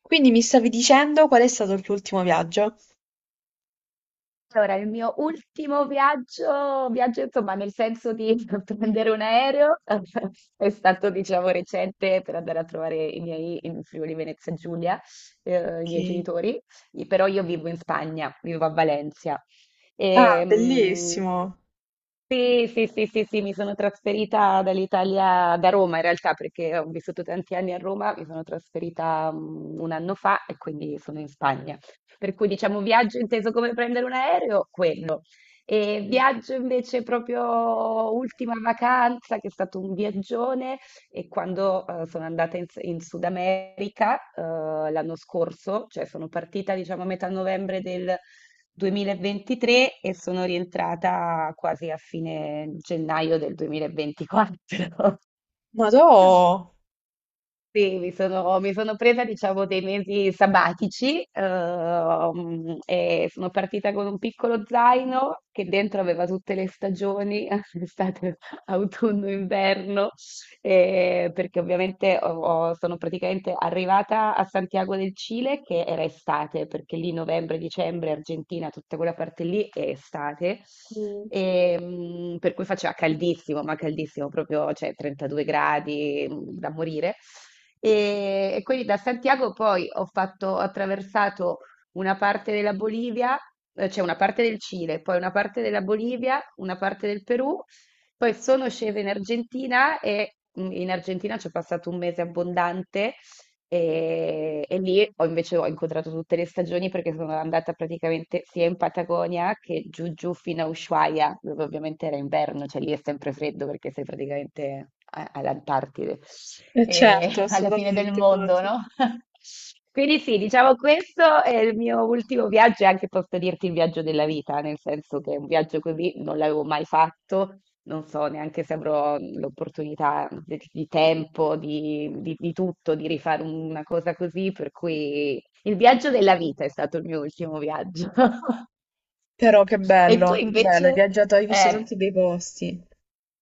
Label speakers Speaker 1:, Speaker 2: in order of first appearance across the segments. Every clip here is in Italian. Speaker 1: Quindi mi stavi dicendo qual è stato il tuo ultimo viaggio?
Speaker 2: Allora, il mio ultimo viaggio, viaggio insomma nel senso di prendere un aereo, è stato diciamo recente per andare a trovare i miei in Friuli Venezia Giulia, i miei
Speaker 1: Ok.
Speaker 2: genitori. Però io vivo in Spagna, vivo a Valencia.
Speaker 1: Ah,
Speaker 2: Ehm,
Speaker 1: bellissimo.
Speaker 2: sì, sì, sì, sì, sì, mi sono trasferita dall'Italia, da Roma in realtà, perché ho vissuto tanti anni a Roma, mi sono trasferita un anno fa e quindi sono in Spagna. Per cui diciamo viaggio inteso come prendere un aereo, quello. E
Speaker 1: Mm.
Speaker 2: viaggio invece proprio ultima vacanza, che è stato un viaggione, e quando sono andata in Sud America, l'anno scorso, cioè sono partita diciamo a metà novembre 2023 e sono rientrata quasi a fine gennaio del 2024.
Speaker 1: Ma tu?
Speaker 2: Sì, mi sono presa, diciamo, dei mesi sabbatici, e sono partita con un piccolo zaino che dentro aveva tutte le stagioni, estate, autunno, inverno, perché ovviamente ho ho sono praticamente arrivata a Santiago del Cile che era estate, perché lì novembre, dicembre, Argentina, tutta quella parte lì è estate.
Speaker 1: Mm.
Speaker 2: Per cui faceva caldissimo, ma caldissimo proprio, cioè 32 gradi, da morire. E quindi da Santiago poi ho fatto, ho attraversato una parte della Bolivia, cioè una parte del Cile, poi una parte della Bolivia, una parte del Perù, poi sono scesa in Argentina e in Argentina ci ho passato un mese abbondante. E lì ho invece ho incontrato tutte le stagioni perché sono andata praticamente sia in Patagonia che giù giù fino a Ushuaia, dove ovviamente era inverno, cioè lì è sempre freddo perché sei praticamente all'Antartide
Speaker 1: Eh
Speaker 2: e
Speaker 1: certo,
Speaker 2: alla fine del
Speaker 1: assolutamente,
Speaker 2: mondo,
Speaker 1: immagino.
Speaker 2: no? Quindi sì, diciamo questo è il mio ultimo viaggio e anche posso dirti il viaggio della vita, nel senso che un viaggio così non l'avevo mai fatto, non so neanche se avrò l'opportunità di tempo, di tutto, di rifare una cosa così, per cui il viaggio della vita è stato il mio ultimo viaggio.
Speaker 1: Però
Speaker 2: E tu
Speaker 1: che
Speaker 2: invece,
Speaker 1: bello, hai viaggiato, hai visto
Speaker 2: eh,
Speaker 1: tanti bei posti.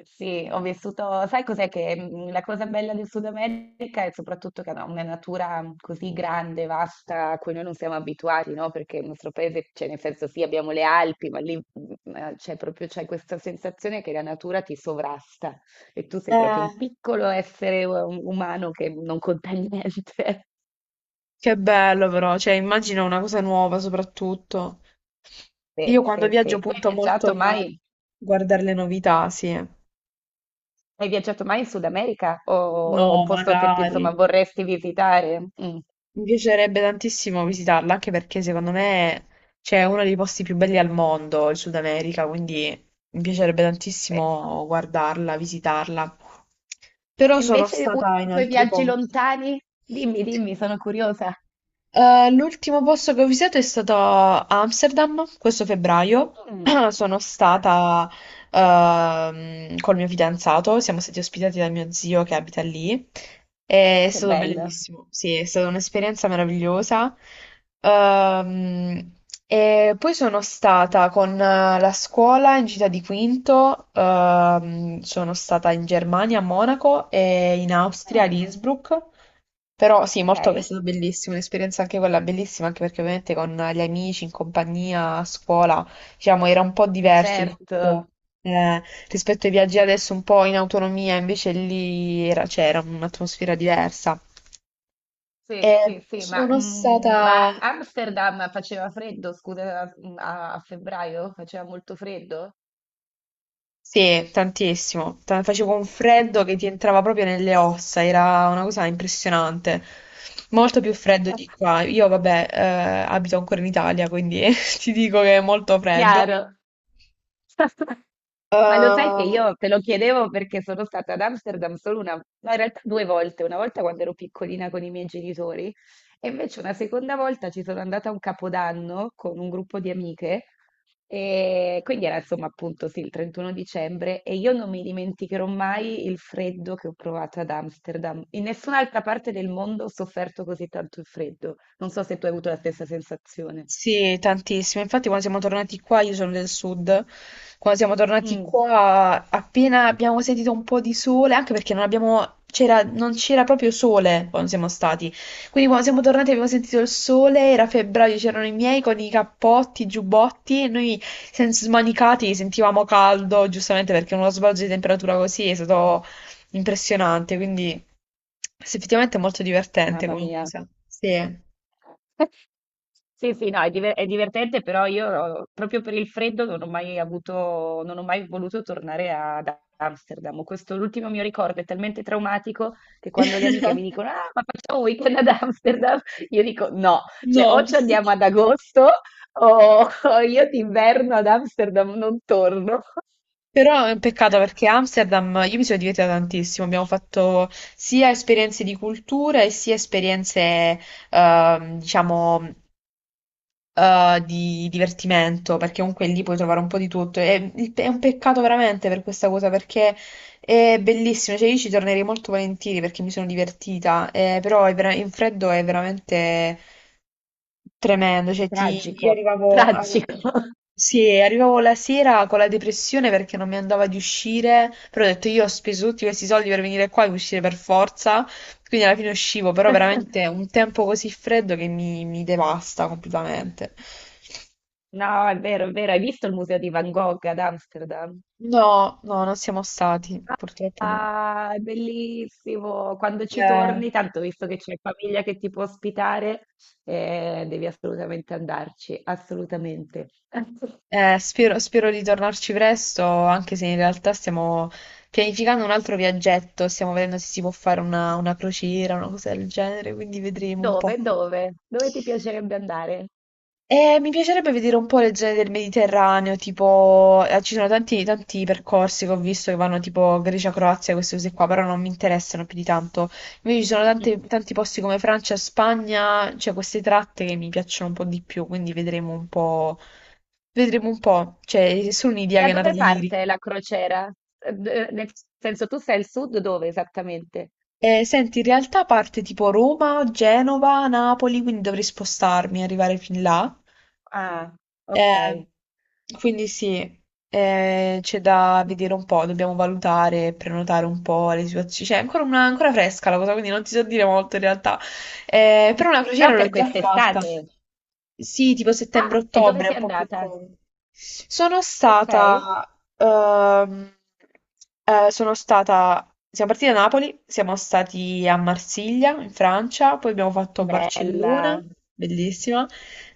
Speaker 2: sì, ho vissuto, sai cos'è che la cosa bella del Sud America è soprattutto che ha una natura così grande, vasta, a cui noi non siamo abituati, no? Perché il nostro paese, cioè nel senso sì, abbiamo le Alpi, ma lì c'è proprio c'è questa sensazione che la natura ti sovrasta e tu sei proprio un
Speaker 1: Eh,
Speaker 2: piccolo essere umano che non conta niente.
Speaker 1: Che bello però, cioè immagino una cosa nuova soprattutto. Io
Speaker 2: Sì,
Speaker 1: quando
Speaker 2: sì,
Speaker 1: viaggio
Speaker 2: sì. Tu hai
Speaker 1: punto molto
Speaker 2: viaggiato
Speaker 1: a
Speaker 2: mai?
Speaker 1: guardare le novità, sì.
Speaker 2: Hai viaggiato mai in Sud America o un
Speaker 1: No,
Speaker 2: posto che ti,
Speaker 1: magari.
Speaker 2: insomma, vorresti visitare? Mm.
Speaker 1: Mi piacerebbe tantissimo visitarla, anche perché secondo me c'è uno dei posti più belli al mondo, il Sud America, quindi mi piacerebbe
Speaker 2: Sì,
Speaker 1: tantissimo guardarla, visitarla. Però
Speaker 2: e
Speaker 1: sono
Speaker 2: invece uno
Speaker 1: stata
Speaker 2: dei
Speaker 1: in
Speaker 2: tuoi
Speaker 1: altri
Speaker 2: viaggi
Speaker 1: posti.
Speaker 2: lontani? Dimmi, dimmi, sono curiosa.
Speaker 1: L'ultimo posto che ho visitato è stato Amsterdam, questo febbraio.
Speaker 2: Mm.
Speaker 1: Sono
Speaker 2: Ah,
Speaker 1: stata col mio fidanzato, siamo stati ospitati da mio zio che abita lì.
Speaker 2: ah,
Speaker 1: È
Speaker 2: che
Speaker 1: stato
Speaker 2: bello.
Speaker 1: bellissimo, sì, è stata un'esperienza meravigliosa. Ehm, e poi sono stata con la scuola in città di Quinto, sono stata in Germania a Monaco e in Austria a
Speaker 2: Mm,
Speaker 1: Innsbruck. Però sì, molto, è
Speaker 2: ok.
Speaker 1: stata bellissima, un'esperienza anche quella bellissima, anche perché ovviamente con gli amici, in compagnia, a scuola, diciamo, era un po'
Speaker 2: E
Speaker 1: diverso
Speaker 2: certo.
Speaker 1: rispetto, eh, rispetto ai viaggi adesso un po' in autonomia, invece lì c'era un'atmosfera diversa.
Speaker 2: Sì,
Speaker 1: E
Speaker 2: sì, sì, ma,
Speaker 1: sono
Speaker 2: mm, ma
Speaker 1: stata,
Speaker 2: Amsterdam faceva freddo, scusa, a febbraio faceva molto freddo?
Speaker 1: sì, tantissimo. Facevo un freddo che ti entrava proprio nelle ossa, era una cosa impressionante. Molto più freddo di qua. Io, vabbè, abito ancora in Italia, quindi ti dico che è molto freddo.
Speaker 2: Chiaro. Ma lo sai che
Speaker 1: Uh,
Speaker 2: io te lo chiedevo perché sono stata ad Amsterdam solo una, no, in realtà due volte, una volta quando ero piccolina con i miei genitori e invece una seconda volta ci sono andata a un capodanno con un gruppo di amiche e quindi era insomma appunto sì, il 31 dicembre e io non mi dimenticherò mai il freddo che ho provato ad Amsterdam. In nessun'altra parte del mondo ho sofferto così tanto il freddo. Non so se tu hai avuto la stessa sensazione.
Speaker 1: sì, tantissimo. Infatti, quando siamo tornati qua, io sono del sud. Quando siamo tornati
Speaker 2: Mm,
Speaker 1: qua, appena abbiamo sentito un po' di sole, anche perché non abbiamo, c'era, non c'era proprio sole quando siamo stati. Quindi, quando siamo tornati, abbiamo sentito il sole. Era febbraio, c'erano i miei con i cappotti, i giubbotti. E noi, senza smanicati, sentivamo caldo, giustamente perché uno sbalzo di temperatura così è stato impressionante. Quindi, sì, effettivamente è molto divertente
Speaker 2: mamma
Speaker 1: come
Speaker 2: mia.
Speaker 1: cosa. Sì.
Speaker 2: Sì, sì, no, è, è divertente, però io proprio per il freddo non ho mai avuto, non ho mai voluto tornare ad Amsterdam. Questo l'ultimo mio ricordo è talmente traumatico che quando le amiche mi dicono, ah, ma facciamo un weekend ad Amsterdam, io dico no, cioè o
Speaker 1: No,
Speaker 2: ci andiamo ad agosto o io d'inverno ad Amsterdam non torno.
Speaker 1: però è un peccato perché Amsterdam, io mi sono divertita tantissimo, abbiamo fatto sia esperienze di cultura e sia esperienze, diciamo, di divertimento, perché comunque lì puoi trovare un po' di tutto. E è un peccato veramente per questa cosa, perché è bellissimo, cioè io ci tornerei molto volentieri perché mi sono divertita, però è vera- in freddo è veramente tremendo, cioè ti, io
Speaker 2: Tragico, tragico.
Speaker 1: sì, arrivavo la sera con la depressione perché non mi andava di uscire, però ho detto io ho speso tutti questi soldi per venire qua e uscire per forza, quindi alla fine uscivo, però veramente un tempo così freddo che mi devasta completamente.
Speaker 2: No, è vero, è vero. Hai visto il museo di Van Gogh ad Amsterdam?
Speaker 1: No, no, non siamo stati, purtroppo no.
Speaker 2: Ah, è bellissimo. Quando ci
Speaker 1: Eh,
Speaker 2: torni, tanto visto che c'è famiglia che ti può ospitare, devi assolutamente andarci, assolutamente.
Speaker 1: spero, spero di tornarci presto, anche se in realtà stiamo pianificando un altro viaggetto, stiamo vedendo se si può fare una crociera, una cosa del genere, quindi vedremo un po'.
Speaker 2: Dove? Dove? Dove ti piacerebbe andare?
Speaker 1: Mi piacerebbe vedere un po' le zone del Mediterraneo, tipo, ci sono tanti, tanti percorsi che ho visto che vanno tipo Grecia, Croazia, queste cose qua, però non mi interessano più di tanto. Invece ci sono
Speaker 2: Mm.
Speaker 1: tanti, tanti posti come Francia, Spagna, cioè queste tratte che mi piacciono un po' di più, quindi vedremo un po', cioè è solo un'idea
Speaker 2: Da
Speaker 1: che è nata
Speaker 2: dove
Speaker 1: ieri.
Speaker 2: parte la crociera? Nel senso, tu sei al sud, dove esattamente?
Speaker 1: Senti, in realtà parte tipo Roma, Genova, Napoli, quindi dovrei spostarmi e arrivare fin là.
Speaker 2: Ah, ok.
Speaker 1: Eh, quindi sì, c'è da vedere un po', dobbiamo valutare, prenotare un po' le situazioni. Cioè, è ancora, ancora fresca la cosa, quindi non ti so dire molto in realtà. Però una
Speaker 2: Però
Speaker 1: crociera
Speaker 2: per
Speaker 1: l'ho già fatta.
Speaker 2: quest'estate.
Speaker 1: Sì, tipo
Speaker 2: Ah, e dove
Speaker 1: settembre-ottobre,
Speaker 2: sei
Speaker 1: un po' più
Speaker 2: andata?
Speaker 1: comodo. Sono
Speaker 2: Ok,
Speaker 1: stata, ehm, sono stata, siamo partiti da Napoli, siamo stati a Marsiglia, in Francia, poi abbiamo fatto
Speaker 2: bella.
Speaker 1: Barcellona, bellissima,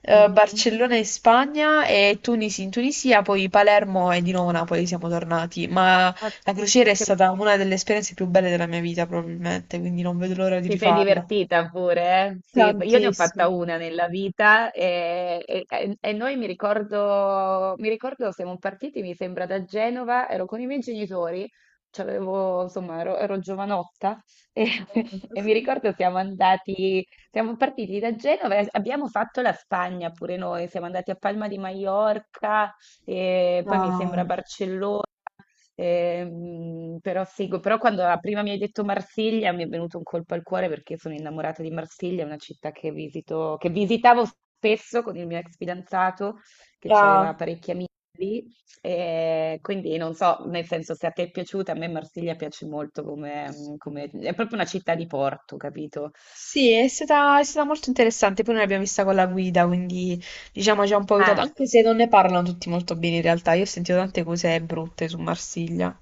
Speaker 2: Mhm.
Speaker 1: Barcellona in Spagna e Tunisi in Tunisia, poi Palermo e di nuovo Napoli siamo tornati, ma
Speaker 2: Ok.
Speaker 1: la crociera è stata una delle esperienze più belle della mia vita probabilmente, quindi non vedo l'ora di
Speaker 2: Ti sei
Speaker 1: rifarla.
Speaker 2: divertita pure, eh? Sì, io ne ho fatta
Speaker 1: Tantissimo.
Speaker 2: una nella vita e noi mi ricordo siamo partiti, mi sembra, da Genova, ero con i miei genitori, c'avevo, insomma, ero, ero giovanotta e, e mi ricordo siamo andati, siamo partiti da Genova e abbiamo fatto la Spagna pure noi, siamo andati a Palma di Maiorca e poi mi
Speaker 1: Ah,
Speaker 2: sembra Barcellona. Però seguo, però quando la prima mi hai detto Marsiglia mi è venuto un colpo al cuore perché sono innamorata di Marsiglia, è una città che visito, che visitavo spesso con il mio ex fidanzato che aveva
Speaker 1: ah.
Speaker 2: parecchi amici lì, e quindi non so, nel senso se a te è piaciuta, a me Marsiglia piace molto come, è proprio una città di porto, capito?
Speaker 1: Sì, è stata molto interessante. Poi noi l'abbiamo vista con la guida, quindi diciamo ci ha un po' aiutato,
Speaker 2: Ah.
Speaker 1: anche se non ne parlano tutti molto bene in realtà. Io ho sentito tante cose brutte su Marsiglia.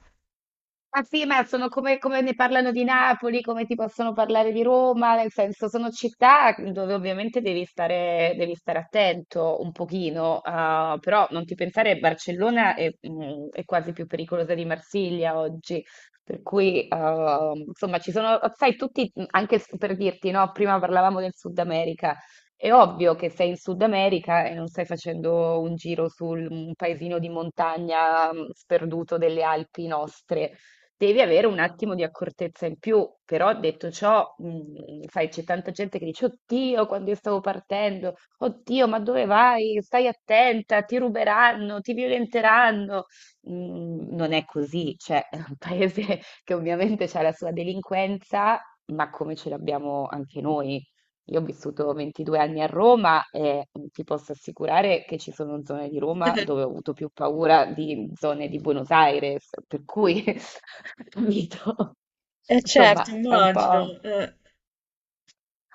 Speaker 2: Ma sì, ma sono come, come ne parlano di Napoli, come ti possono parlare di Roma, nel senso sono città dove ovviamente devi stare attento un pochino, ah, però non ti pensare, Barcellona è quasi più pericolosa di Marsiglia oggi, per cui ah, insomma ci sono, sai, tutti, anche per dirti, no, prima parlavamo del Sud America, è ovvio che sei in Sud America e non stai facendo un giro su un paesino di montagna sperduto delle Alpi nostre devi avere un attimo di accortezza in più. Però detto ciò, sai, c'è tanta gente che dice, Oddio, quando io stavo partendo, oddio, ma dove vai? Stai attenta, ti ruberanno, ti violenteranno. Non è così, cioè, è un paese che ovviamente ha la sua delinquenza, ma come ce l'abbiamo anche noi. Io ho vissuto 22 anni a Roma e ti posso assicurare che ci sono zone di Roma dove ho avuto più paura di zone di Buenos Aires, per cui capito?
Speaker 1: Eh certo,
Speaker 2: Insomma, è un po'.
Speaker 1: immagino.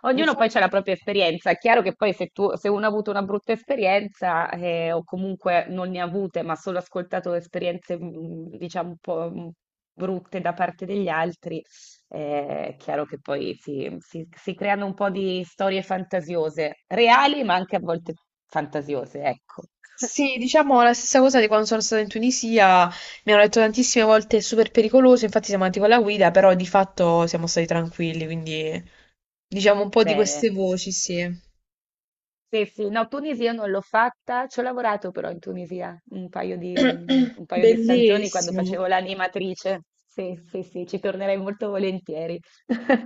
Speaker 2: Ognuno poi
Speaker 1: Infatti,
Speaker 2: ha la propria esperienza. È chiaro che poi se uno ha avuto una brutta esperienza o comunque non ne ha avute, ma solo ascoltato esperienze, diciamo, un po' brutte da parte degli altri, è chiaro che poi si creano un po' di storie fantasiose, reali, ma anche a volte fantasiose, ecco.
Speaker 1: sì, diciamo la stessa cosa di quando sono stata in Tunisia, mi hanno detto tantissime volte è super pericoloso, infatti siamo andati con la guida, però di fatto siamo stati tranquilli, quindi diciamo un po' di queste
Speaker 2: Bene.
Speaker 1: voci, sì.
Speaker 2: Sì, sì, no, Tunisia non l'ho fatta, ci ho lavorato però in Tunisia un paio di, un- un paio di stagioni quando
Speaker 1: Bellissimo.
Speaker 2: facevo l'animatrice. Sì, sì, sì, ci tornerei molto volentieri.